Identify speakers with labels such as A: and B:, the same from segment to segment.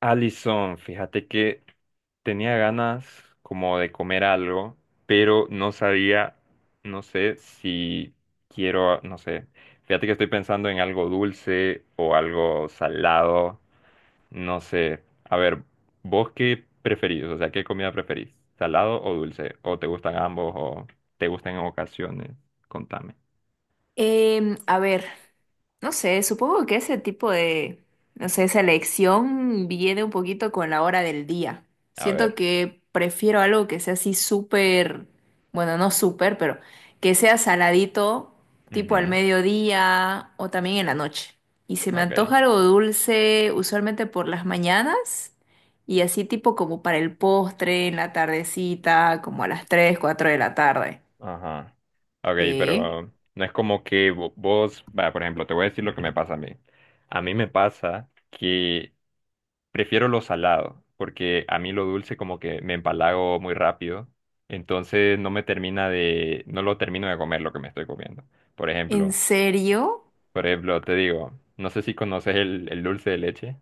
A: Alison, fíjate que tenía ganas como de comer algo, pero no sabía, no sé si quiero, no sé. Fíjate que estoy pensando en algo dulce o algo salado, no sé. A ver, ¿vos qué preferís? O sea, ¿qué comida preferís? ¿Salado o dulce? ¿O te gustan ambos o te gustan en ocasiones? Contame.
B: A ver, no sé, supongo que ese tipo de, no sé, selección viene un poquito con la hora del día.
A: A
B: Siento
A: ver.
B: que prefiero algo que sea así súper, bueno, no súper, pero que sea saladito, tipo al
A: Ujú.
B: mediodía o también en la noche. Y se me
A: Ok.
B: antoja algo dulce, usualmente por las mañanas, y así tipo como para el postre, en la tardecita, como a las 3, 4 de la tarde.
A: Ajá. Ok,
B: Sí.
A: pero no es como que vos, va, por ejemplo, te voy a decir lo que me pasa a mí. A mí me pasa que prefiero lo salado, porque a mí lo dulce como que me empalago muy rápido, entonces no me termina de, no lo termino de comer lo que me estoy comiendo. Por
B: ¿En
A: ejemplo,
B: serio?
A: por ejemplo, te digo, no sé si conoces el dulce de leche,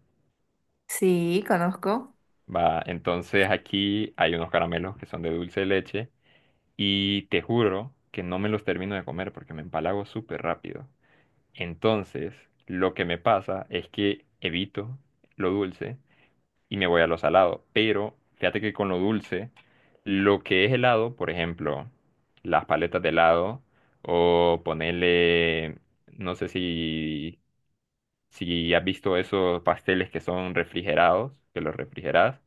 B: Sí, conozco.
A: va, entonces aquí hay unos caramelos que son de dulce de leche y te juro que no me los termino de comer porque me empalago súper rápido. Entonces, lo que me pasa es que evito lo dulce y me voy a lo salado. Pero fíjate que con lo dulce, lo que es helado, por ejemplo, las paletas de helado o ponerle, no sé si, si has visto esos pasteles que son refrigerados, que los refrigeras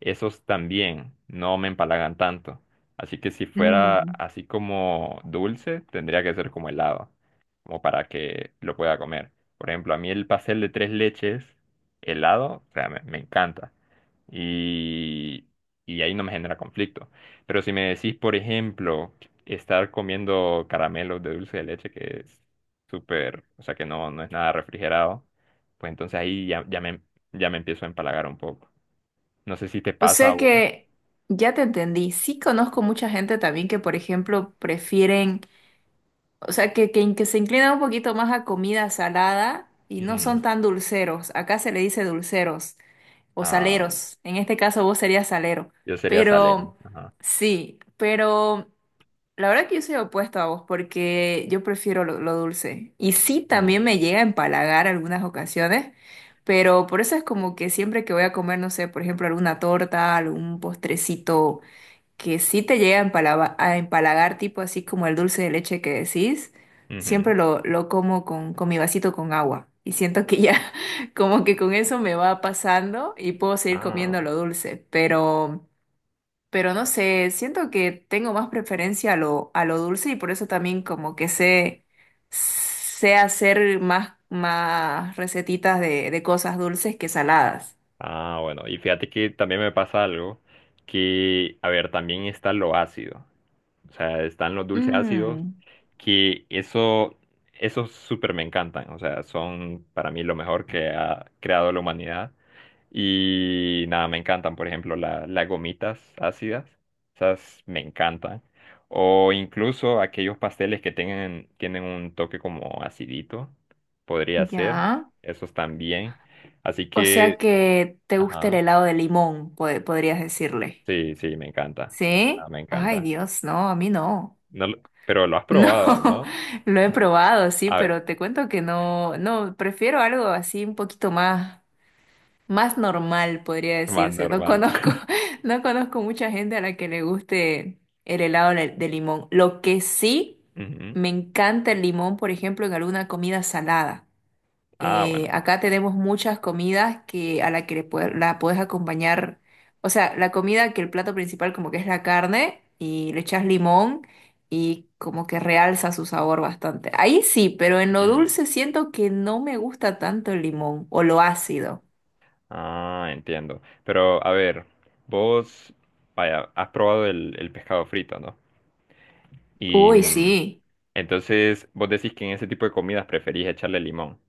A: esos también no me empalagan tanto. Así que si fuera
B: Mm.
A: así como dulce, tendría que ser como helado, como para que lo pueda comer. Por ejemplo, a mí el pastel de tres leches helado, o sea, me encanta. Y, y ahí no me genera conflicto. Pero si me decís, por ejemplo, estar comiendo caramelos de dulce de leche, que es súper, o sea, que no, no es nada refrigerado, pues entonces ahí ya me empiezo a empalagar un poco. No sé si te
B: O
A: pasa a
B: sea
A: vos.
B: que ya te entendí. Sí, conozco mucha gente también que, por ejemplo, prefieren, o sea, que se inclinan un poquito más a comida salada y no
A: Mm,
B: son tan dulceros. Acá se le dice dulceros o
A: ah,
B: saleros. En este caso vos serías salero.
A: yo sería Salem.
B: Pero
A: Ajá.
B: sí, pero la verdad que yo soy opuesta a vos porque yo prefiero lo dulce. Y sí, también me
A: Mm,
B: llega a empalagar algunas ocasiones, pero por eso es como que siempre que voy a comer, no sé, por ejemplo, alguna torta, algún postrecito que sí te llega a empalagar, tipo así como el dulce de leche que decís,
A: ujú.
B: siempre lo como con mi vasito con agua. Y siento que ya como que con eso me va pasando y puedo seguir
A: Ah,
B: comiendo lo dulce, pero no sé, siento que tengo más preferencia a lo dulce y por eso también como que sé hacer más recetitas de cosas dulces que saladas.
A: ah, bueno. Y fíjate que también me pasa algo que, a ver, también está lo ácido. O sea, están los dulces ácidos
B: Mm,
A: que eso, esos súper me encantan. O sea, son para mí lo mejor que ha creado la humanidad. Y nada, me encantan, por ejemplo, las gomitas ácidas, esas me encantan. O incluso aquellos pasteles que tengan, tienen un toque como acidito, podría ser,
B: ya.
A: esos también. Así
B: O
A: que,
B: sea que te gusta el
A: ajá,
B: helado de limón, podrías decirle.
A: sí, sí, me encanta, ah,
B: ¿Sí?
A: me
B: Ay,
A: encanta.
B: Dios, no, a mí no.
A: No lo- pero lo has
B: No,
A: probado, ¿no?
B: lo he probado, sí,
A: A ver,
B: pero te cuento que no, no, prefiero algo así un poquito más normal, podría
A: más
B: decirse. No
A: normal.
B: conozco, no conozco mucha gente a la que le guste el helado de limón. Lo que sí
A: Ujú.
B: me encanta el limón, por ejemplo, en alguna comida salada.
A: Ah, bueno.
B: Acá tenemos muchas comidas que a la que le la puedes acompañar. O sea, la comida que el plato principal como que es la carne y le echas limón y como que realza su sabor bastante. Ahí sí, pero en lo
A: Mm.
B: dulce siento que no me gusta tanto el limón o lo ácido.
A: Ah, entiendo. Pero, a ver, vos, vaya, has probado el pescado frito, ¿no? Y
B: Uy,
A: mm,
B: sí,
A: entonces vos decís que en ese tipo de comidas preferís echarle limón.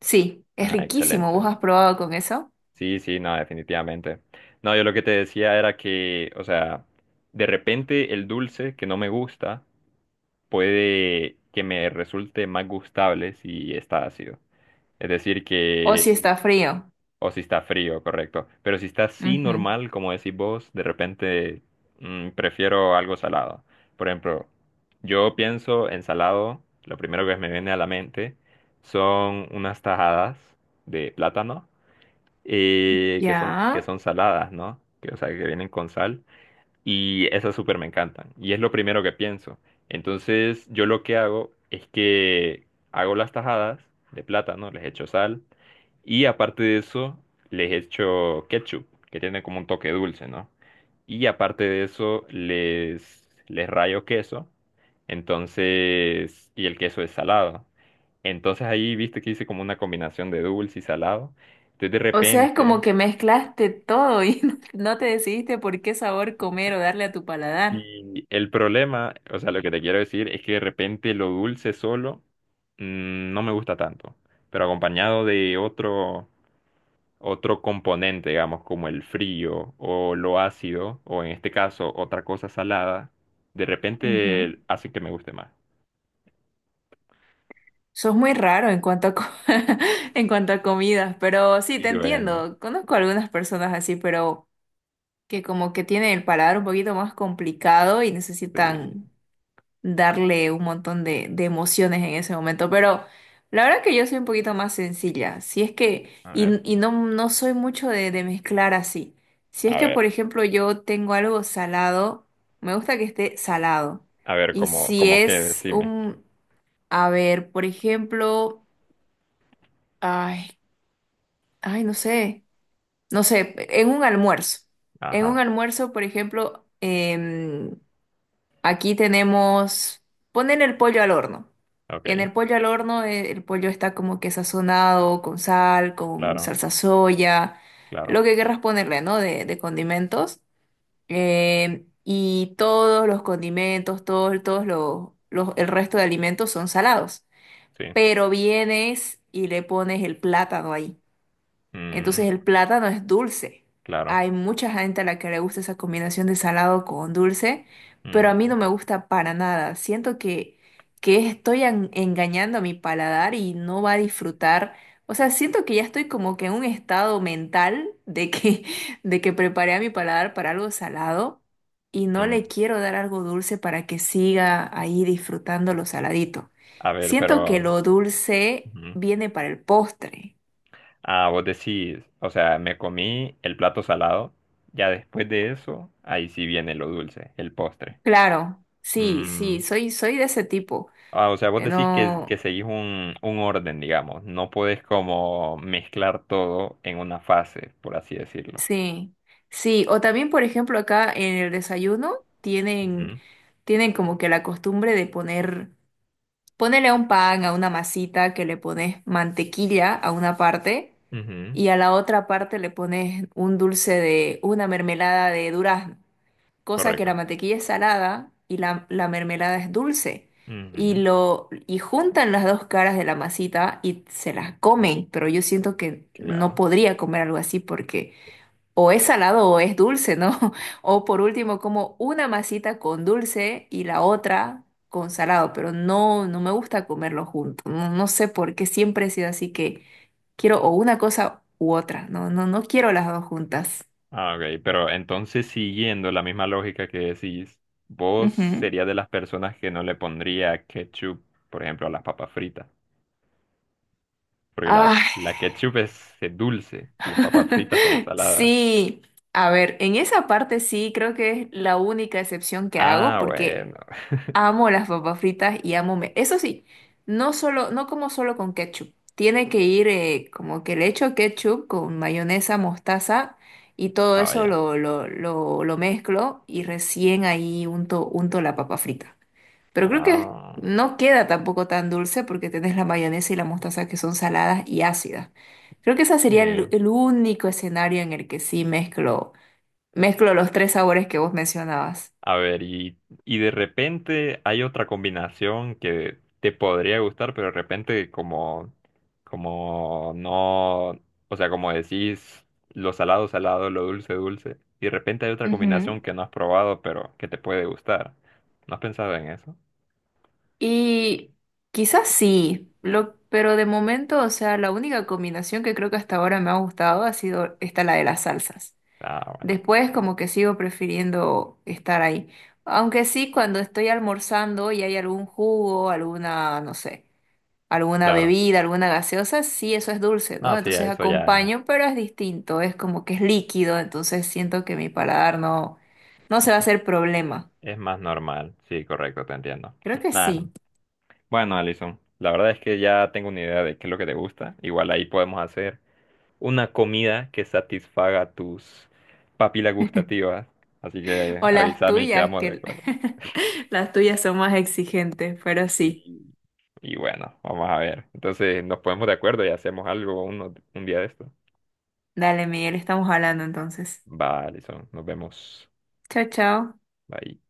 B: sí, es
A: Ah,
B: riquísimo. ¿Vos
A: excelente.
B: has probado con eso?
A: Sí, sí, no, definitivamente. No, yo lo que te decía era que, o sea, de repente el dulce que no me gusta puede que me resulte más gustable si está ácido. Es decir,
B: O si
A: que
B: está frío.
A: o si está frío, correcto. Pero si está así
B: Ujú,
A: normal, como decís vos, de repente mm, prefiero algo salado. Por ejemplo, yo pienso en salado, lo primero que me viene a la mente son unas tajadas de plátano que
B: ya.
A: son saladas, ¿no? Que, o sea, que vienen con sal y esas súper me encantan y es lo primero que pienso. Entonces yo lo que hago es que hago las tajadas de plátano, les echo sal y aparte de eso les echo ketchup, que tiene como un toque dulce, ¿no? Y aparte de eso les rayo queso, entonces, y el queso es salado. Entonces ahí viste que hice como una combinación de dulce y salado. Entonces de
B: O sea, es como
A: repente...
B: que mezclaste todo y no, no te decidiste por qué sabor comer o darle a tu paladar.
A: Y el problema, o sea, lo que te quiero decir es que de repente lo dulce solo mm, no me gusta tanto, pero acompañado de otro, otro componente, digamos, como el frío o lo ácido, o en este caso otra cosa salada, de
B: Ujú.
A: repente hace que me guste más.
B: Sos muy raro en cuanto a, en cuanto a comidas, pero sí, te
A: Y bueno,
B: entiendo. Conozco algunas personas así, pero que como que tienen el paladar un poquito más complicado y
A: sí,
B: necesitan darle un montón de emociones en ese momento. Pero la verdad que yo soy un poquito más sencilla. Si es que,
A: a
B: y,
A: ver,
B: y no soy mucho de mezclar así. Si es
A: a
B: que, por
A: ver,
B: ejemplo, yo tengo algo salado, me gusta que esté salado.
A: a ver
B: Y
A: cómo,
B: si
A: cómo qué,
B: es
A: decime.
B: un, a ver, por ejemplo, ay, ay, no sé, no sé, en un almuerzo. En un
A: Ajá,
B: almuerzo, por ejemplo, em, Aquí tenemos ponen el pollo al horno. En
A: ok,
B: el pollo al horno el pollo está como que sazonado con sal, con
A: claro,
B: salsa soya,
A: claro,
B: lo que querrás ponerle, ¿no? De condimentos. Y todos los condimentos, el resto de alimentos son salados.
A: sí,
B: Pero vienes y le pones el plátano ahí.
A: mm,
B: Entonces el plátano es dulce.
A: claro.
B: Hay mucha gente a la que le gusta esa combinación de salado con dulce, pero
A: Ujú,
B: a mí no me gusta para nada. Siento que estoy engañando a mi paladar y no va a disfrutar. O sea, siento que ya estoy como que en un estado mental de que, de que preparé a mi paladar para algo salado y no le
A: mm,
B: quiero dar algo dulce para que siga ahí disfrutando lo saladito.
A: a ver,
B: Siento que
A: pero...
B: lo dulce
A: Ujú.
B: viene para el postre.
A: Ah, vos decís, o sea, me comí el plato salado, ya después de eso, ahí sí viene lo dulce, el postre.
B: Claro, sí,
A: Mm,
B: sí, soy de ese tipo.
A: ah, o sea, vos
B: Eh,
A: decís que
B: No,
A: seguís un orden, digamos, no podés como mezclar todo en una fase, por así decirlo.
B: sí, sí. O también, por ejemplo, acá en el desayuno tienen,
A: Ujú,
B: tienen como que la costumbre de ponerle a un pan, a una masita, que le pones mantequilla a una parte
A: ujú,
B: y a la otra parte le pones una mermelada de durazno. Cosa que la
A: correcto.
B: mantequilla es salada y la mermelada es dulce. Y
A: Ujú,
B: lo, y juntan las dos caras de la masita y se las comen, pero yo siento que no
A: claro.
B: podría comer algo así porque o es salado o es dulce, ¿no? O por último, como una masita con dulce y la otra con salado, pero no, no me gusta comerlo junto. No, no sé por qué siempre he sido así que quiero o una cosa u otra. No, no, no quiero las dos juntas.
A: Ah, ok, pero entonces siguiendo la misma lógica que decís, vos
B: Ujú.
A: serías de las personas que no le pondría ketchup, por ejemplo, a las papas fritas. Porque la,
B: Ay.
A: la ketchup es dulce y las papas fritas son saladas.
B: Sí, a ver, en esa parte sí creo que es la única excepción que hago
A: Ah, bueno.
B: porque amo las papas fritas y amo me... Eso sí, no como solo con ketchup. Tiene que ir como que le echo ketchup con mayonesa, mostaza y todo
A: Ah,
B: eso
A: vaya.
B: lo mezclo y recién ahí unto, unto la papa frita. Pero creo que
A: Ah,
B: no queda tampoco tan dulce porque tenés la mayonesa y la mostaza que son saladas y ácidas. Creo que ese sería el,
A: sí.
B: el único escenario en el que sí mezclo los tres sabores que vos mencionabas.
A: A ver, y de repente hay otra combinación que te podría gustar, pero de repente como, como no, o sea, como decís, lo salado, salado, lo dulce, dulce. Y de repente hay otra
B: Ujú.
A: combinación que no has probado, pero que te puede gustar. ¿No has pensado en eso?
B: Y quizás sí, pero de momento, o sea, la única combinación que creo que hasta ahora me ha gustado ha sido esta, la de las salsas.
A: Ah, bueno.
B: Después como que sigo prefiriendo estar ahí. Aunque sí, cuando estoy almorzando y hay algún jugo, alguna, no sé, alguna
A: Claro.
B: bebida, alguna gaseosa, sí, eso es dulce, ¿no?
A: Ah, sí, a
B: Entonces
A: eso ya.
B: acompaño, pero es distinto, es como que es líquido, entonces siento que mi paladar no se va a hacer problema.
A: Es más normal, sí, correcto, te entiendo.
B: Creo que
A: Nada,
B: sí.
A: bueno, Alison, la verdad es que ya tengo una idea de qué es lo que te gusta. Igual ahí podemos hacer una comida que satisfaga tus papilas gustativas. Así que
B: O las
A: avísame y
B: tuyas,
A: quedamos de
B: que
A: acuerdo.
B: las tuyas son más exigentes, pero sí.
A: Y, y bueno, vamos a ver. Entonces nos ponemos de acuerdo y hacemos algo un día de esto.
B: Dale, Miguel, estamos hablando entonces.
A: Va, Alison, nos vemos.
B: Chao, chao.
A: Bye.